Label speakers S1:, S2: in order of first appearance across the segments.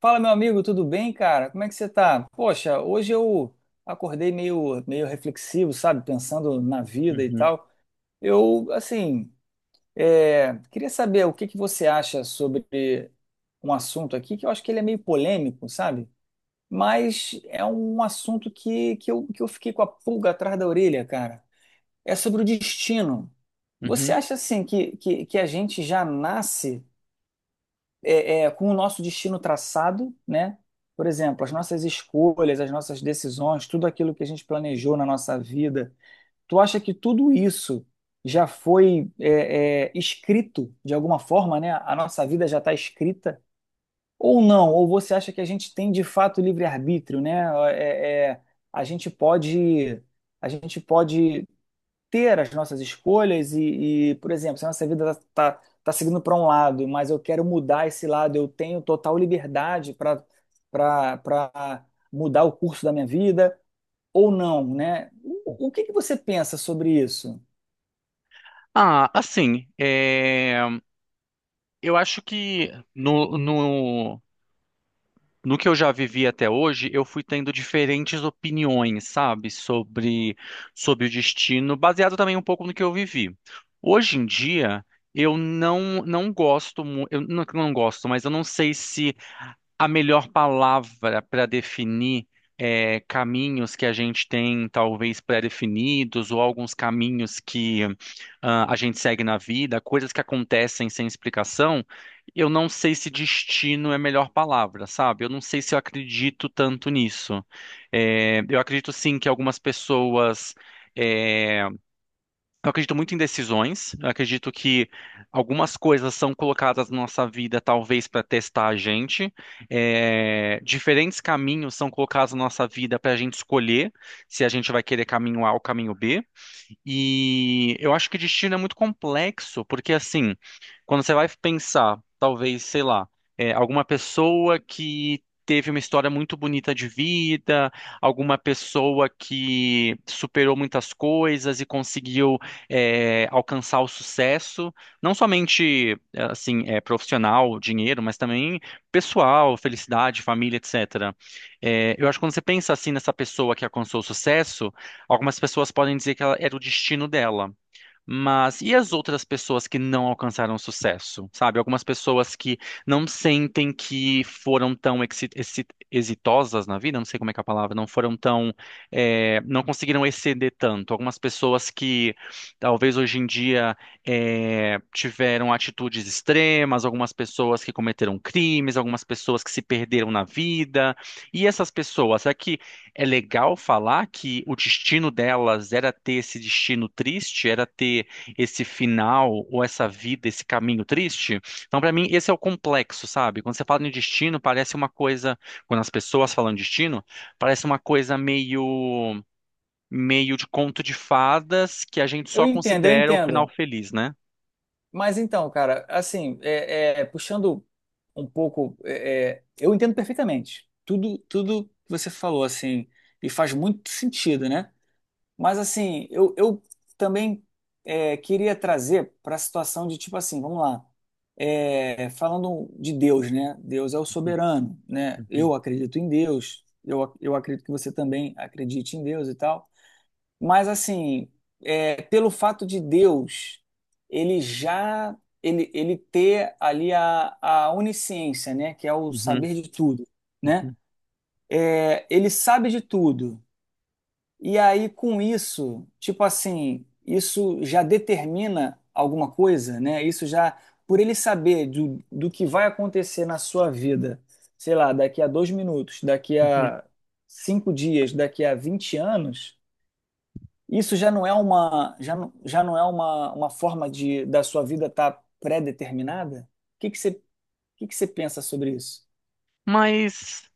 S1: Fala, meu amigo, tudo bem, cara? Como é que você tá? Poxa, hoje eu acordei meio reflexivo, sabe? Pensando na vida e
S2: Uhum,
S1: tal. Eu, assim, queria saber o que que você acha sobre um assunto aqui que eu acho que ele é meio polêmico, sabe? Mas é um assunto que eu fiquei com a pulga atrás da orelha, cara. É sobre o destino. Você
S2: uhum.
S1: acha, assim, que a gente já nasce com o nosso destino traçado, né? Por exemplo, as nossas escolhas, as nossas decisões, tudo aquilo que a gente planejou na nossa vida. Tu acha que tudo isso já foi escrito de alguma forma, né? A nossa vida já está escrita? Ou não? Ou você acha que a gente tem de fato livre-arbítrio, né? É, é, a gente pode, a gente pode ter as nossas escolhas por exemplo, se a nossa vida está seguindo para um lado, mas eu quero mudar esse lado, eu tenho total liberdade para para mudar o curso da minha vida ou não, né? O que que você pensa sobre isso?
S2: Ah, assim, eu acho que no, no, no que eu já vivi até hoje, eu fui tendo diferentes opiniões, sabe, sobre o destino, baseado também um pouco no que eu vivi. Hoje em dia, eu não gosto, mas eu não sei se a melhor palavra para definir caminhos que a gente tem talvez pré-definidos, ou alguns caminhos que ah, a gente segue na vida, coisas que acontecem sem explicação. Eu não sei se destino é a melhor palavra, sabe? Eu não sei se eu acredito tanto nisso. É, eu acredito sim que algumas pessoas. é, eu acredito muito em decisões. Eu acredito que algumas coisas são colocadas na nossa vida, talvez para testar a gente. É, diferentes caminhos são colocados na nossa vida para a gente escolher se a gente vai querer caminho A ou caminho B. E eu acho que destino é muito complexo, porque assim, quando você vai pensar, talvez, sei lá, alguma pessoa que teve uma história muito bonita de vida, alguma pessoa que superou muitas coisas e conseguiu alcançar o sucesso, não somente profissional, dinheiro, mas também pessoal, felicidade, família, etc. É, eu acho que quando você pensa assim nessa pessoa que alcançou o sucesso, algumas pessoas podem dizer que ela era o destino dela. Mas e as outras pessoas que não alcançaram sucesso, sabe? Algumas pessoas que não sentem que foram tão exitosas na vida, não sei como é que é a palavra, não foram tão, não conseguiram exceder tanto. Algumas pessoas que talvez hoje em dia tiveram atitudes extremas, algumas pessoas que cometeram crimes, algumas pessoas que se perderam na vida. E essas pessoas, aqui. É legal falar que o destino delas era ter esse destino triste, era ter esse final ou essa vida, esse caminho triste. Então, para mim, esse é o complexo, sabe? Quando você fala em destino, parece uma coisa, quando as pessoas falam de destino, parece uma coisa meio de conto de fadas que a gente
S1: Eu
S2: só
S1: entendo, eu
S2: considera o final
S1: entendo.
S2: feliz, né?
S1: Mas então, cara, assim, puxando um pouco, eu entendo perfeitamente tudo que você falou, assim, e faz muito sentido, né? Mas assim, eu também queria trazer para a situação de tipo assim, vamos lá, é, falando de Deus, né? Deus é o
S2: Uhum,
S1: soberano, né?
S2: uhum,
S1: Eu acredito em Deus, eu acredito que você também acredite em Deus e tal. Mas assim, é, pelo fato de Deus, ele já ele ter ali a onisciência, né? Que é o
S2: uhum,
S1: saber de tudo, né?
S2: uhum,
S1: É, ele sabe de tudo. E aí, com isso, tipo assim, isso já determina alguma coisa, né? Isso já, por ele saber do que vai acontecer na sua vida, sei lá, daqui a dois minutos, daqui
S2: uhum.
S1: a cinco dias, daqui a 20 anos, isso já não é uma, já não é uma forma de da sua vida estar pré-determinada? O que que você pensa sobre isso?
S2: Mas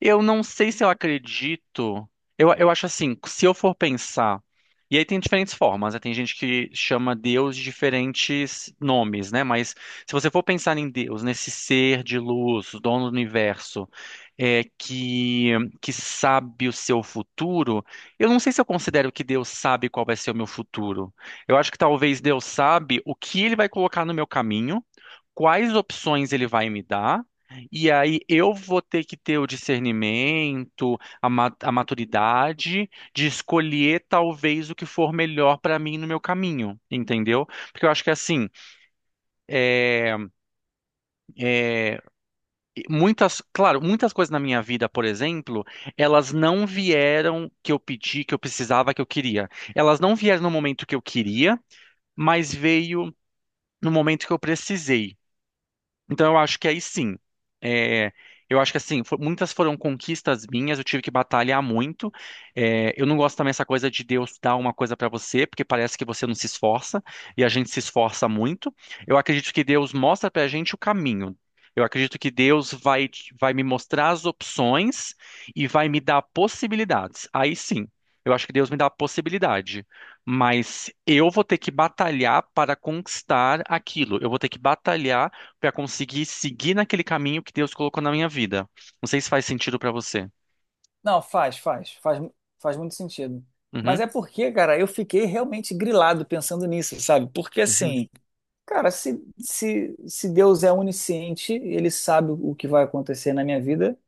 S2: eu não sei se eu acredito. Eu acho assim, se eu for pensar. E aí tem diferentes formas, né? Tem gente que chama Deus de diferentes nomes, né? Mas se você for pensar em Deus, nesse ser de luz, dono do universo, é, que, que sabe o seu futuro, eu não sei se eu considero que Deus sabe qual vai ser o meu futuro. Eu acho que talvez Deus sabe o que ele vai colocar no meu caminho, quais opções ele vai me dar. E aí eu vou ter que ter o discernimento, a maturidade de escolher talvez o que for melhor para mim no meu caminho, entendeu? Porque eu acho que assim, é, é, muitas, claro, muitas coisas na minha vida, por exemplo, elas não vieram que eu pedi, que eu precisava, que eu queria. Elas não vieram no momento que eu queria, mas veio no momento que eu precisei. Então eu acho que aí sim. É, eu acho que assim, muitas foram conquistas minhas, eu tive que batalhar muito. É, eu não gosto também dessa coisa de Deus dar uma coisa pra você, porque parece que você não se esforça, e a gente se esforça muito. Eu acredito que Deus mostra pra gente o caminho. Eu acredito que Deus vai, vai me mostrar as opções e vai me dar possibilidades. Aí sim, eu acho que Deus me dá a possibilidade. Mas eu vou ter que batalhar para conquistar aquilo. Eu vou ter que batalhar para conseguir seguir naquele caminho que Deus colocou na minha vida. Não sei se faz sentido para você.
S1: Não, faz muito sentido. Mas
S2: Uhum,
S1: é porque, cara, eu fiquei realmente grilado pensando nisso, sabe? Porque
S2: uhum,
S1: assim, cara, se Deus é onisciente, ele sabe o que vai acontecer na minha vida,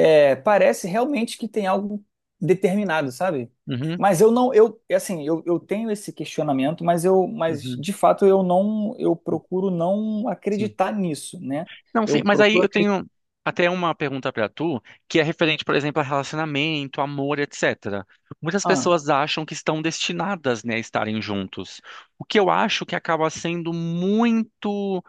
S1: é, parece realmente que tem algo determinado, sabe?
S2: uhum,
S1: Mas eu não, eu, assim, eu tenho esse questionamento, mas mas
S2: uhum,
S1: de fato eu
S2: uhum,
S1: procuro não
S2: sim.
S1: acreditar nisso, né?
S2: Não, sim,
S1: Eu
S2: mas aí
S1: procuro
S2: eu
S1: acreditar.
S2: tenho até uma pergunta para tu, que é referente, por exemplo, a relacionamento, amor, etc. Muitas pessoas acham que estão destinadas, né, a estarem juntos. O que eu acho que acaba sendo muito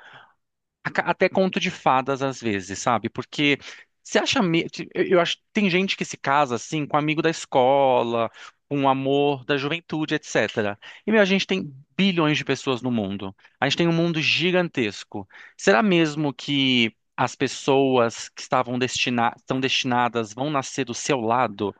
S2: até conto de fadas às vezes, sabe? Porque você acha, eu acho, tem gente que se casa assim com amigo da escola, com o amor da juventude, etc. E meu, a gente tem bilhões de pessoas no mundo. A gente tem um mundo gigantesco. Será mesmo que as pessoas que estavam estão destinadas vão nascer do seu lado?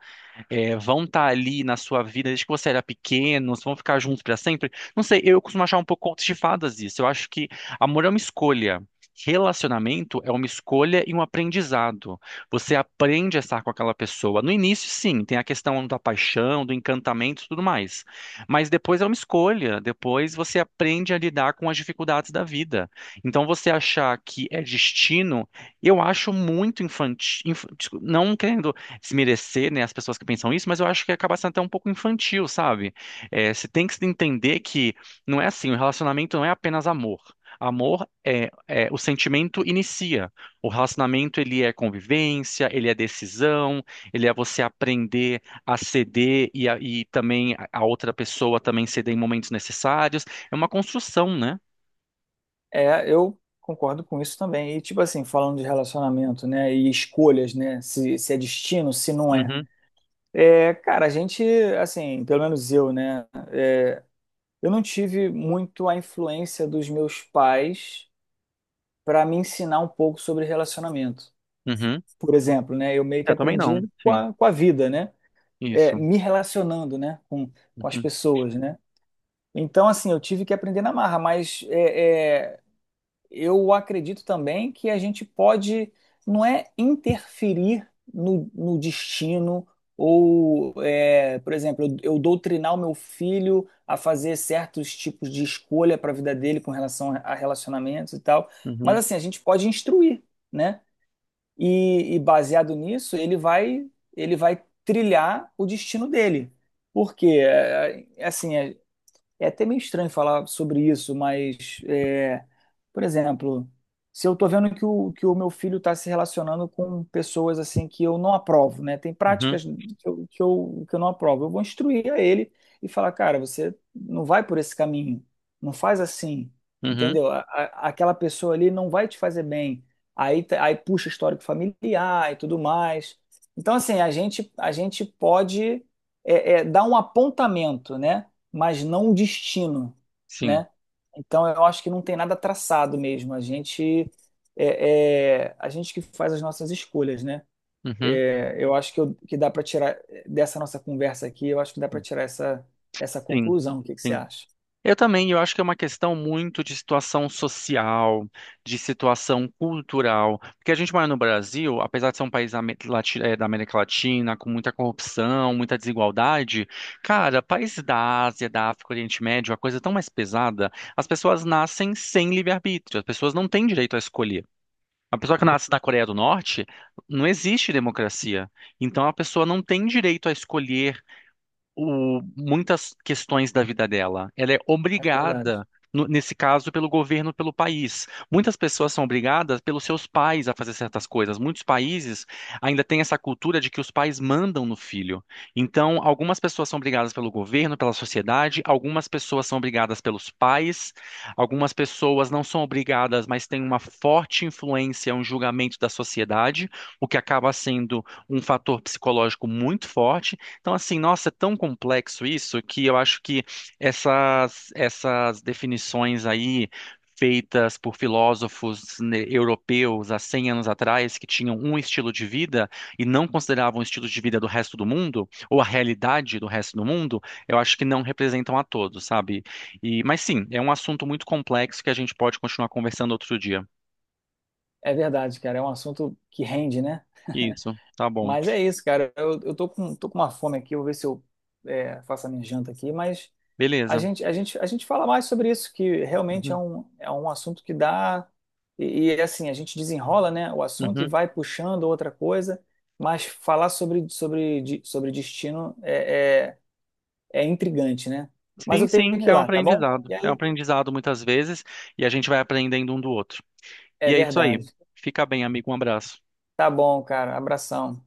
S2: Vão estar ali na sua vida desde que você era pequeno, vão ficar juntos para sempre. Não sei, eu costumo achar um pouco contos de fadas isso. Eu acho que amor é uma escolha. Relacionamento é uma escolha e um aprendizado. Você aprende a estar com aquela pessoa. No início, sim, tem a questão da paixão, do encantamento e tudo mais. Mas depois é uma escolha. Depois você aprende a lidar com as dificuldades da vida. Então, você achar que é destino, eu acho muito infantil. Não querendo se merecer, né, as pessoas que pensam isso, mas eu acho que acaba sendo até um pouco infantil, sabe? É, você tem que se entender que não é assim, o relacionamento não é apenas amor. Amor o sentimento inicia. O relacionamento ele é convivência, ele é decisão, ele é você aprender a ceder e também a outra pessoa também ceder em momentos necessários. É uma construção, né?
S1: É, eu concordo com isso também. E, tipo assim, falando de relacionamento, né, e escolhas, né, se é destino, se não é.
S2: Uhum,
S1: É, cara, a gente, assim, pelo menos eu, né, é, eu não tive muito a influência dos meus pais para me ensinar um pouco sobre relacionamento.
S2: uhum.
S1: Por exemplo, né, eu meio que
S2: Eu também não.
S1: aprendi com
S2: Sim,
S1: a, com a vida, né, é,
S2: isso.
S1: me relacionando, né, com as
S2: Uhum,
S1: pessoas, né. Então, assim, eu tive que aprender na marra, mas eu acredito também que a gente pode, não é interferir no destino, ou, é, por exemplo, eu doutrinar o meu filho a fazer certos tipos de escolha para a vida dele com relação a relacionamentos e tal. Mas
S2: uhum,
S1: assim, a gente pode instruir, né? E baseado nisso, ele vai trilhar o destino dele. Porque, assim, é até meio estranho falar sobre isso, mas, é, por exemplo, se eu tô vendo que o meu filho está se relacionando com pessoas assim que eu não aprovo, né? Tem
S2: uhum,
S1: práticas que eu não aprovo. Eu vou instruir a ele e falar, cara, você não vai por esse caminho, não faz assim,
S2: uhum.
S1: entendeu? Aquela pessoa ali não vai te fazer bem. Aí, aí puxa histórico familiar e tudo mais. Então, assim, a gente pode dar um apontamento, né? Mas não um destino,
S2: Sim.
S1: né? Então eu acho que não tem nada traçado mesmo. A gente a gente que faz as nossas escolhas, né?
S2: Uhum.
S1: É, eu acho que dá para tirar dessa nossa conversa aqui, eu acho que dá para tirar essa
S2: Sim,
S1: conclusão. O que que você
S2: sim.
S1: acha?
S2: Eu também, eu acho que é uma questão muito de situação social, de situação cultural, porque a gente mora no Brasil, apesar de ser um país da da América Latina, com muita corrupção, muita desigualdade, cara, países da Ásia, da África, Oriente Médio, a coisa é tão mais pesada, as pessoas nascem sem livre-arbítrio, as pessoas não têm direito a escolher. A pessoa que nasce na Coreia do Norte, não existe democracia. Então a pessoa não tem direito a escolher muitas questões da vida dela. Ela é
S1: É verdade.
S2: obrigada, nesse caso, pelo governo, pelo país. Muitas pessoas são obrigadas pelos seus pais a fazer certas coisas. Muitos países ainda têm essa cultura de que os pais mandam no filho. Então, algumas pessoas são obrigadas pelo governo, pela sociedade, algumas pessoas são obrigadas pelos pais, algumas pessoas não são obrigadas, mas têm uma forte influência, um julgamento da sociedade, o que acaba sendo um fator psicológico muito forte. Então, assim, nossa, é tão complexo isso que eu acho que essas definições aí feitas por filósofos, né, europeus há 100 anos atrás, que tinham um estilo de vida e não consideravam o estilo de vida do resto do mundo ou a realidade do resto do mundo, eu acho que não representam a todos, sabe? E, mas sim, é um assunto muito complexo que a gente pode continuar conversando outro dia.
S1: É verdade, cara. É um assunto que rende, né?
S2: Isso, tá bom.
S1: Mas é isso, cara. Tô com uma fome aqui. Eu vou ver se eu faço a minha janta aqui, mas
S2: Beleza.
S1: a gente fala mais sobre isso, que realmente
S2: Uhum,
S1: é um assunto que dá. E, é assim, a gente desenrola, né, o assunto e
S2: uhum.
S1: vai puxando outra coisa, mas falar sobre destino é, é intrigante, né? Mas
S2: Sim,
S1: eu tenho
S2: sim,
S1: que ir
S2: é um
S1: lá, tá bom?
S2: aprendizado.
S1: E
S2: É um
S1: aí,
S2: aprendizado muitas vezes e a gente vai aprendendo um do outro.
S1: é
S2: E é isso aí.
S1: verdade.
S2: Fica bem, amigo. Um abraço.
S1: Tá bom, cara. Abração.